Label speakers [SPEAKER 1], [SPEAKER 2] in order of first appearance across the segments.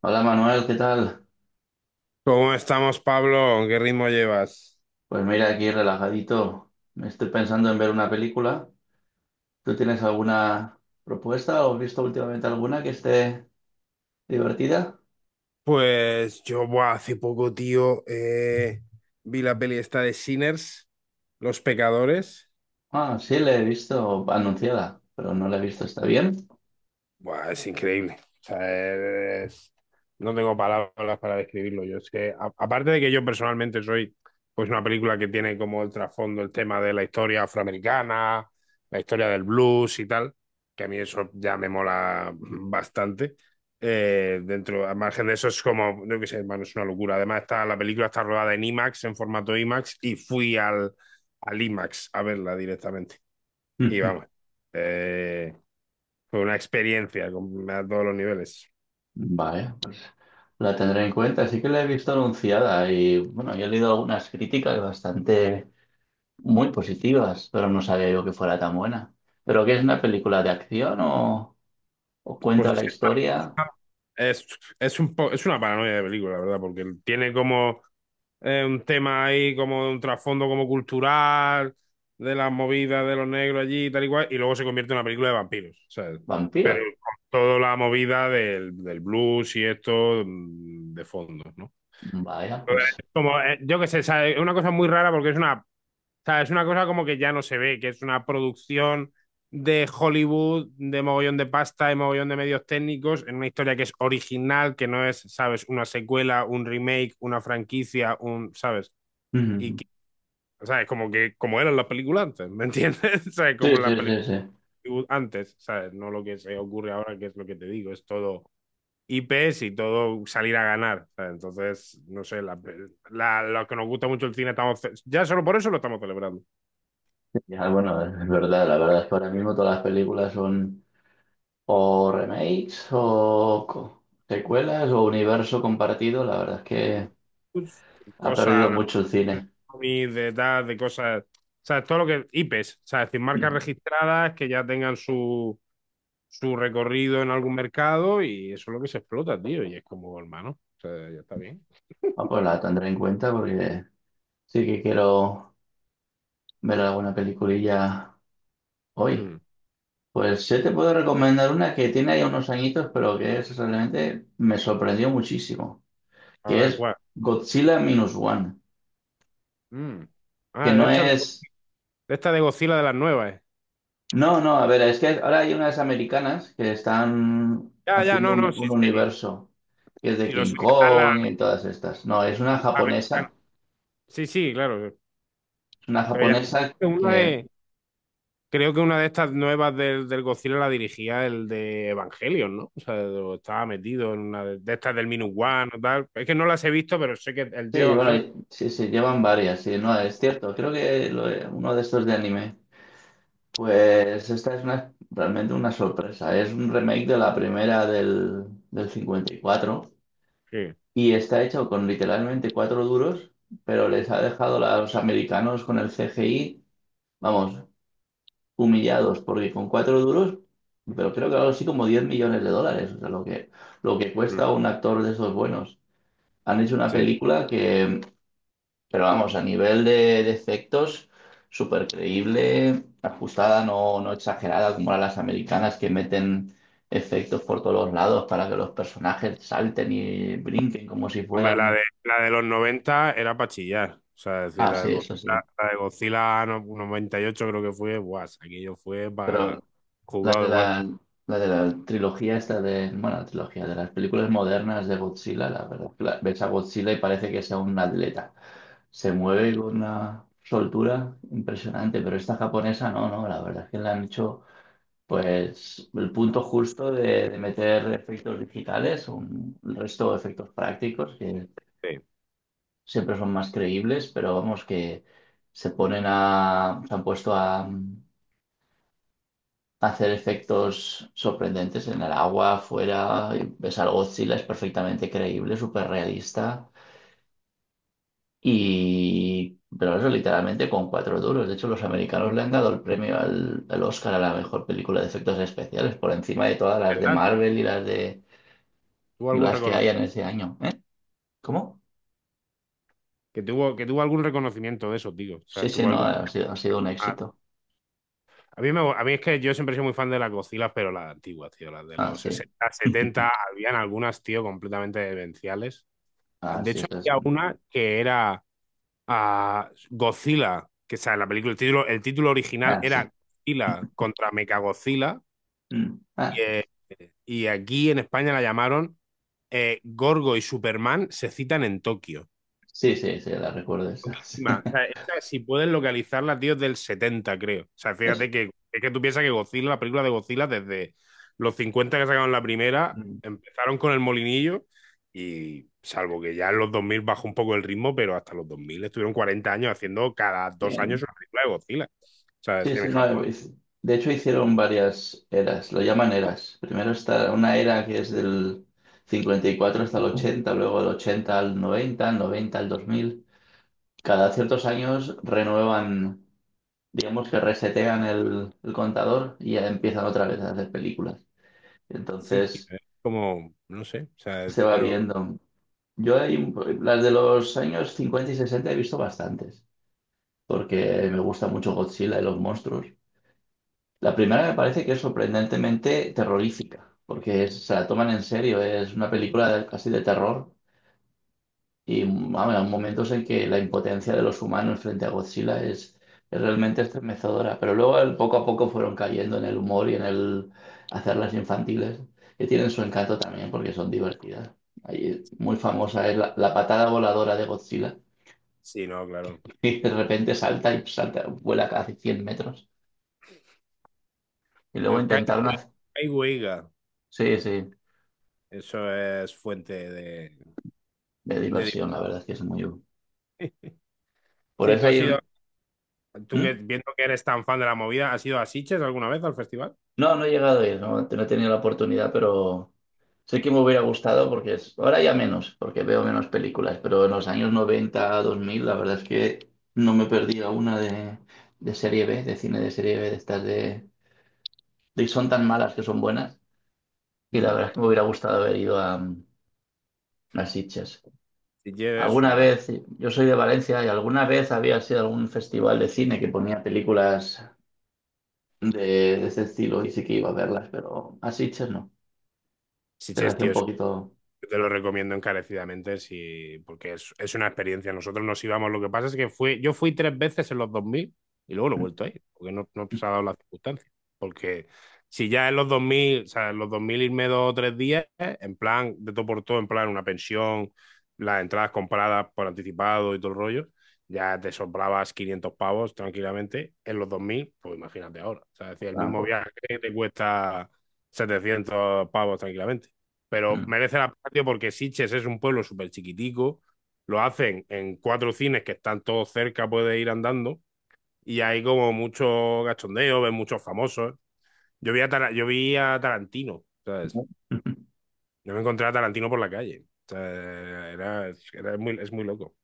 [SPEAKER 1] Hola Manuel, ¿qué tal?
[SPEAKER 2] ¿Cómo estamos, Pablo? ¿Qué ritmo llevas?
[SPEAKER 1] Pues mira, aquí relajadito. Me estoy pensando en ver una película. ¿Tú tienes alguna propuesta o has visto últimamente alguna que esté divertida?
[SPEAKER 2] Pues yo, buah, hace poco, tío, vi la peli esta de Sinners, Los Pecadores.
[SPEAKER 1] Ah, sí, la he visto anunciada, pero no la he visto. ¿Está bien?
[SPEAKER 2] Buah, es increíble. O sea, es- no tengo palabras para describirlo. Yo es que, a- aparte de que yo personalmente soy, pues una película que tiene como el trasfondo el tema de la historia afroamericana, la historia del blues y tal, que a mí eso ya me mola bastante. Dentro, al margen de eso es como, no qué sé, hermano, es una locura. Además, está, la película está rodada en IMAX, en formato IMAX, y fui al, al IMAX a verla directamente. Y vamos, eh, fue una experiencia con- a todos los niveles.
[SPEAKER 1] Vale, la tendré en cuenta. Sí que la he visto anunciada y, bueno, yo he leído algunas críticas bastante muy positivas, pero no sabía yo que fuera tan buena. ¿Pero qué es una película de acción o cuenta
[SPEAKER 2] Pues es
[SPEAKER 1] la
[SPEAKER 2] que
[SPEAKER 1] historia?
[SPEAKER 2] es, es un po- es una paranoia de película, la verdad, porque tiene como un tema ahí, como un trasfondo como cultural, de las movidas de los negros allí y tal y cual, y luego se convierte en una película de vampiros, ¿sabes? Pero
[SPEAKER 1] Vampiro.
[SPEAKER 2] con toda la movida del blues y esto de fondo, ¿no?
[SPEAKER 1] Vaya,
[SPEAKER 2] Entonces,
[SPEAKER 1] pues.
[SPEAKER 2] como, yo qué sé, ¿sabes? Es una cosa muy rara porque es una... O sea, es una cosa como que ya no se ve, que es una producción de Hollywood, de mogollón de pasta, de mogollón de medios técnicos, en una historia que es original, que no es, ¿sabes? Una secuela, un remake, una franquicia, un, ¿sabes? Y,
[SPEAKER 1] Ujú.
[SPEAKER 2] que- ¿sabes? Como que, como eran las películas antes, ¿me entiendes? ¿Sabes?
[SPEAKER 1] Sí,
[SPEAKER 2] Como las
[SPEAKER 1] sí, sí,
[SPEAKER 2] películas
[SPEAKER 1] sí.
[SPEAKER 2] antes, ¿sabes? No lo que se ocurre ahora, que es lo que te digo, es todo IPs y todo salir a ganar, ¿sabes? Entonces, no sé, la, lo que nos gusta mucho el cine, estamos, ce- ya solo por eso lo estamos celebrando.
[SPEAKER 1] Ya, bueno, es verdad, la verdad es que ahora mismo todas las películas son o remakes o secuelas o universo compartido. La verdad es que ha perdido
[SPEAKER 2] Cosa
[SPEAKER 1] mucho el
[SPEAKER 2] de
[SPEAKER 1] cine.
[SPEAKER 2] cómics, de tal, de cosas. O sea, todo lo que. IPs, o sea, es decir, marcas
[SPEAKER 1] Ujú.
[SPEAKER 2] registradas que ya tengan su, su recorrido en algún mercado y eso es lo que se explota, tío. Y es como, hermano, o sea, ya está bien.
[SPEAKER 1] Ah, pues la tendré en cuenta porque sí que quiero ver alguna peliculilla hoy.
[SPEAKER 2] Hmm.
[SPEAKER 1] Pues sí te puedo recomendar una que tiene ya unos añitos, pero que es realmente me sorprendió muchísimo,
[SPEAKER 2] A
[SPEAKER 1] que
[SPEAKER 2] ver,
[SPEAKER 1] es
[SPEAKER 2] ¿cuál?
[SPEAKER 1] Godzilla Minus One,
[SPEAKER 2] Hmm.
[SPEAKER 1] que
[SPEAKER 2] Ah,
[SPEAKER 1] no es.
[SPEAKER 2] de esta de Godzilla de las nuevas.
[SPEAKER 1] No, no, a ver, es que ahora hay unas americanas que están
[SPEAKER 2] Ya, ya,
[SPEAKER 1] haciendo
[SPEAKER 2] no,
[SPEAKER 1] un,
[SPEAKER 2] no, sí,
[SPEAKER 1] un
[SPEAKER 2] sí.
[SPEAKER 1] universo que es de
[SPEAKER 2] Sí, lo sé
[SPEAKER 1] King
[SPEAKER 2] que están las
[SPEAKER 1] Kong y todas estas. No,
[SPEAKER 2] americanas. Sí, sí, claro.
[SPEAKER 1] es una
[SPEAKER 2] Pero
[SPEAKER 1] japonesa
[SPEAKER 2] ya una
[SPEAKER 1] que,
[SPEAKER 2] de, creo que una de estas nuevas del Godzilla la dirigía el de Evangelion, ¿no? O sea, lo estaba metido en una de estas del Minus One o tal. Es que no las he visto, pero sé que el tío de
[SPEAKER 1] sí,
[SPEAKER 2] Evangelion.
[SPEAKER 1] bueno, sí, se llevan varias, sí, no, es cierto, creo que uno de estos de anime. Pues esta es una, realmente una sorpresa, es un remake de la primera del 54
[SPEAKER 2] Sí.
[SPEAKER 1] y está hecho con literalmente cuatro duros, pero les ha dejado a los americanos con el CGI. Vamos, humillados, porque con cuatro duros, pero creo que algo así como 10 millones de dólares, o sea, lo que,
[SPEAKER 2] Mm,
[SPEAKER 1] cuesta un actor de esos buenos. Han hecho una
[SPEAKER 2] sí.
[SPEAKER 1] película que, pero vamos, a nivel de efectos, súper creíble, ajustada, no exagerada, como las americanas que meten efectos por todos lados para que los personajes salten y brinquen como si
[SPEAKER 2] Hombre,
[SPEAKER 1] fueran...
[SPEAKER 2] la de los 90 era para chillar. O sea, es decir,
[SPEAKER 1] Ah,
[SPEAKER 2] la,
[SPEAKER 1] sí,
[SPEAKER 2] del Godzilla,
[SPEAKER 1] eso sí.
[SPEAKER 2] la de Godzilla no- 98 creo que fue, buah, aquello fue
[SPEAKER 1] Pero
[SPEAKER 2] para
[SPEAKER 1] La
[SPEAKER 2] jugado
[SPEAKER 1] de
[SPEAKER 2] de guardia.
[SPEAKER 1] la, la de la trilogía esta de, bueno, la trilogía de las películas modernas de Godzilla, la verdad, que ves a Godzilla y parece que sea un atleta. Se mueve con una soltura impresionante, pero esta japonesa no, no, la verdad es que le han hecho pues el punto justo de meter efectos digitales, el resto de efectos prácticos que
[SPEAKER 2] Sí.
[SPEAKER 1] siempre son más creíbles, pero vamos que se han puesto a hacer efectos sorprendentes en el agua, afuera. Ves al Godzilla, es perfectamente creíble, súper realista. Pero eso literalmente con cuatro duros. De hecho, los americanos le han dado el premio al Oscar a la mejor película de efectos especiales, por encima de todas las de
[SPEAKER 2] ¿Verdad?
[SPEAKER 1] Marvel y las de
[SPEAKER 2] ¿Tuvo
[SPEAKER 1] y
[SPEAKER 2] algún
[SPEAKER 1] las que
[SPEAKER 2] recono-
[SPEAKER 1] hayan ese año. ¿Eh? ¿Cómo?
[SPEAKER 2] que tuvo algún reconocimiento de eso, digo. O
[SPEAKER 1] Sí,
[SPEAKER 2] sea,
[SPEAKER 1] sí,
[SPEAKER 2] tuvo
[SPEAKER 1] no,
[SPEAKER 2] algún...
[SPEAKER 1] ha sido un éxito.
[SPEAKER 2] A mí, me, a mí es que yo siempre soy muy fan de las Godzilla, pero las antiguas, tío, las de
[SPEAKER 1] Ah,
[SPEAKER 2] los
[SPEAKER 1] sí.
[SPEAKER 2] 60, setenta habían algunas, tío, completamente demenciales.
[SPEAKER 1] Ah,
[SPEAKER 2] De
[SPEAKER 1] sí,
[SPEAKER 2] hecho,
[SPEAKER 1] eso es
[SPEAKER 2] había
[SPEAKER 1] un-.
[SPEAKER 2] una que era ah, Godzilla, que o sea, la película, el título original
[SPEAKER 1] Ah,
[SPEAKER 2] era
[SPEAKER 1] sí.
[SPEAKER 2] Godzilla contra Mechagodzilla,
[SPEAKER 1] Mm. Ah,
[SPEAKER 2] y, eh, y aquí en España la llamaron Gorgo y Superman se citan en Tokio.
[SPEAKER 1] sí, sí, sí, la recuerdo esa.
[SPEAKER 2] Encima, o sea, esa, si puedes localizarla, tío, es del 70 creo. O sea,
[SPEAKER 1] Eso.
[SPEAKER 2] fíjate que es que tú piensas que Godzilla, la película de Godzilla, desde los 50 que sacaron la primera,
[SPEAKER 1] Mm.
[SPEAKER 2] empezaron con el molinillo y salvo que ya en los 2000 bajó un poco el ritmo, pero hasta los 2000 estuvieron 40 años haciendo cada 2 años
[SPEAKER 1] Bien.
[SPEAKER 2] una película de Godzilla. O sea, es-
[SPEAKER 1] Sí,
[SPEAKER 2] en
[SPEAKER 1] sí, no,
[SPEAKER 2] Japón.
[SPEAKER 1] de hecho hicieron varias eras, lo llaman eras. Primero está una era que es del 54 hasta el 80, luego del 80 al 90, al 90 al 2000. Cada ciertos años renuevan, digamos que resetean el contador y ya empiezan otra vez a hacer películas.
[SPEAKER 2] Sí, tío,
[SPEAKER 1] Entonces
[SPEAKER 2] es como, no sé, o sea,
[SPEAKER 1] se
[SPEAKER 2] es-
[SPEAKER 1] va
[SPEAKER 2] pero
[SPEAKER 1] viendo. Yo hay, las de los años 50 y 60 he visto bastantes, porque me gusta mucho Godzilla y los monstruos. La primera me parece que es sorprendentemente terrorífica, porque se la toman en serio, es una película casi de terror y vamos, hay momentos en que la impotencia de los humanos frente a Godzilla es realmente estremecedora, pero luego poco a poco fueron cayendo en el humor y en el hacerlas infantiles, que tienen su encanto también porque son divertidas. Ahí, muy
[SPEAKER 2] no, es-
[SPEAKER 1] famosa es la patada voladora de Godzilla,
[SPEAKER 2] sí, no, claro.
[SPEAKER 1] que de
[SPEAKER 2] Diga.
[SPEAKER 1] repente salta y salta, vuela casi 100 metros. Y luego
[SPEAKER 2] El Kai
[SPEAKER 1] intentaron
[SPEAKER 2] Wei-
[SPEAKER 1] hacer...
[SPEAKER 2] Kai Weiga,
[SPEAKER 1] Sí, sí.
[SPEAKER 2] eso es fuente de...
[SPEAKER 1] De
[SPEAKER 2] de...
[SPEAKER 1] diversión, la verdad es que es muy... útil. Por
[SPEAKER 2] Sí,
[SPEAKER 1] eso
[SPEAKER 2] tú
[SPEAKER 1] hay
[SPEAKER 2] has ido,
[SPEAKER 1] un...
[SPEAKER 2] tú que
[SPEAKER 1] ¿Mm?
[SPEAKER 2] viendo que eres tan fan de la movida, ¿has ido a Sitges alguna vez al festival?
[SPEAKER 1] No, no he llegado a ir, no, no he tenido la oportunidad, pero sé que me hubiera gustado porque es... ahora ya menos, porque veo menos películas, pero en los años 90 2000 la verdad es que no me perdía una de serie B, de cine de serie B, de estas de... Son tan malas que son buenas, y la
[SPEAKER 2] Hmm.
[SPEAKER 1] verdad es que me hubiera gustado haber ido a Sitges.
[SPEAKER 2] Sitges es
[SPEAKER 1] Alguna
[SPEAKER 2] una...
[SPEAKER 1] vez, yo soy de Valencia y alguna vez había sido algún festival de cine que ponía películas de, de ese estilo y sí que iba a verlas, pero a Sitges no. Se le
[SPEAKER 2] Sitges,
[SPEAKER 1] hacía un
[SPEAKER 2] tío, yo
[SPEAKER 1] poquito...
[SPEAKER 2] te lo recomiendo encarecidamente si, porque es una experiencia. Nosotros nos íbamos, lo que pasa es que fui, yo fui 3 veces en los 2000 y luego lo he vuelto a ir, porque no, no se ha dado la circunstancia. Porque si ya en los dos mil, o sea, en los 2000 irme 2 o 3 días, en plan, de todo por todo, en plan, una pensión, las entradas compradas por anticipado y todo el rollo, ya te sobrabas 500 pavos tranquilamente. En los 2000 pues imagínate ahora. O sea, es decir, el mismo
[SPEAKER 1] tramposo.
[SPEAKER 2] viaje te cuesta 700 pavos tranquilamente, pero
[SPEAKER 1] Pues
[SPEAKER 2] merece la pena, tío, porque Sitges es un pueblo súper chiquitico, lo hacen en 4 cines que están todos cerca, puedes ir andando, y hay como mucho gachondeo, ves muchos famosos. Yo vi a, Tara- yo vi a Tarantino, ¿sabes?
[SPEAKER 1] mm.
[SPEAKER 2] Yo me encontré a Tarantino por la calle. O sea, era, era muy, es muy loco.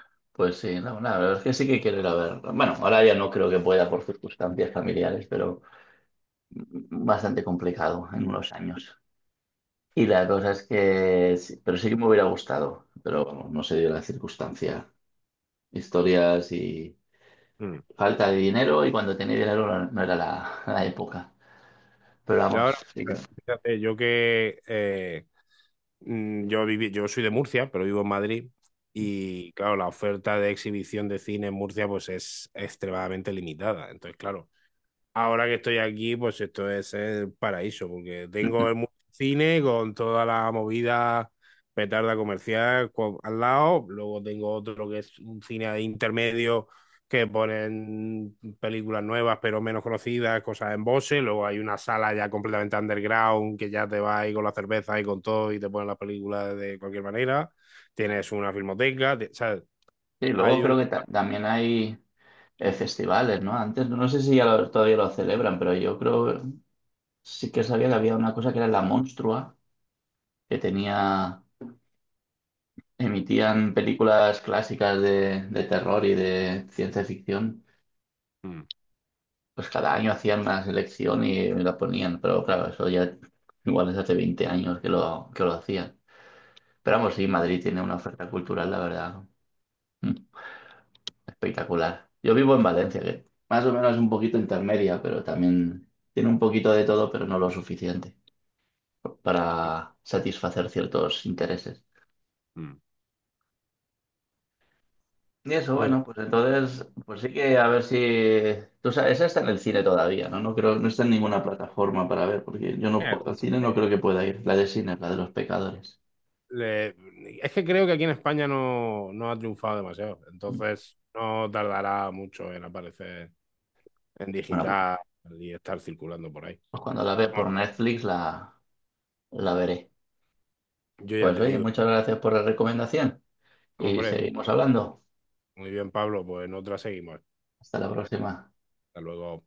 [SPEAKER 1] Pues sí, no, la verdad es que sí que quiero ir a ver. Bueno, ahora ya no creo que pueda por circunstancias familiares, pero bastante complicado en unos años. Y la cosa es que, sí, pero sí que me hubiera gustado, pero vamos, no se dio la circunstancia. Historias y
[SPEAKER 2] Mm.
[SPEAKER 1] falta de dinero, y cuando tenía dinero no, no era la época. Pero
[SPEAKER 2] Y ahora,
[SPEAKER 1] vamos, sí que
[SPEAKER 2] fíjate, yo que yo viví, yo soy de Murcia, pero vivo en Madrid. Y claro, la oferta de exhibición de cine en Murcia pues es extremadamente limitada. Entonces, claro, ahora que estoy aquí, pues esto es el paraíso, porque tengo el mu- cine con toda la movida petarda comercial co- al lado, luego tengo otro que es un cine de intermedio que ponen películas nuevas pero menos conocidas, cosas en Bose, luego hay una sala ya completamente underground que ya te va ahí con la cerveza y con todo y te ponen las películas de cualquier manera, tienes una filmoteca, te- ¿sabes?
[SPEAKER 1] Sí, luego
[SPEAKER 2] Hay un...
[SPEAKER 1] creo que también hay festivales, ¿no? Antes, no sé si ya todavía lo celebran, pero yo creo, sí que sabía que había una cosa que era La Monstrua, que tenía, emitían películas clásicas de terror y de ciencia ficción.
[SPEAKER 2] Mm,
[SPEAKER 1] Pues cada año hacían una selección y la ponían, pero claro, eso ya igual es hace 20 años que lo hacían. Pero vamos, sí, Madrid tiene una oferta cultural, la verdad, ¿no? Espectacular. Yo vivo en Valencia, que más o menos es un poquito intermedia, pero también tiene un poquito de todo, pero no lo suficiente para satisfacer ciertos intereses.
[SPEAKER 2] mm.
[SPEAKER 1] Y eso,
[SPEAKER 2] Pues...
[SPEAKER 1] bueno, pues entonces, pues sí que a ver si... Tú sabes, esa está en el cine todavía, ¿no? No creo, no está en ninguna plataforma para ver, porque yo no
[SPEAKER 2] eh,
[SPEAKER 1] puedo, al cine no creo que pueda ir. La de cine, la de los pecadores.
[SPEAKER 2] le- es que creo que aquí en España no, no ha triunfado demasiado,
[SPEAKER 1] Mm.
[SPEAKER 2] entonces no tardará mucho en aparecer en
[SPEAKER 1] Bueno,
[SPEAKER 2] digital y estar circulando por ahí.
[SPEAKER 1] pues cuando la ve
[SPEAKER 2] Bueno,
[SPEAKER 1] por Netflix la veré.
[SPEAKER 2] yo ya
[SPEAKER 1] Pues
[SPEAKER 2] te
[SPEAKER 1] oye,
[SPEAKER 2] digo,
[SPEAKER 1] muchas gracias por la recomendación y
[SPEAKER 2] hombre,
[SPEAKER 1] seguimos hablando.
[SPEAKER 2] muy bien Pablo, pues en otra seguimos.
[SPEAKER 1] Hasta la próxima.
[SPEAKER 2] Hasta luego.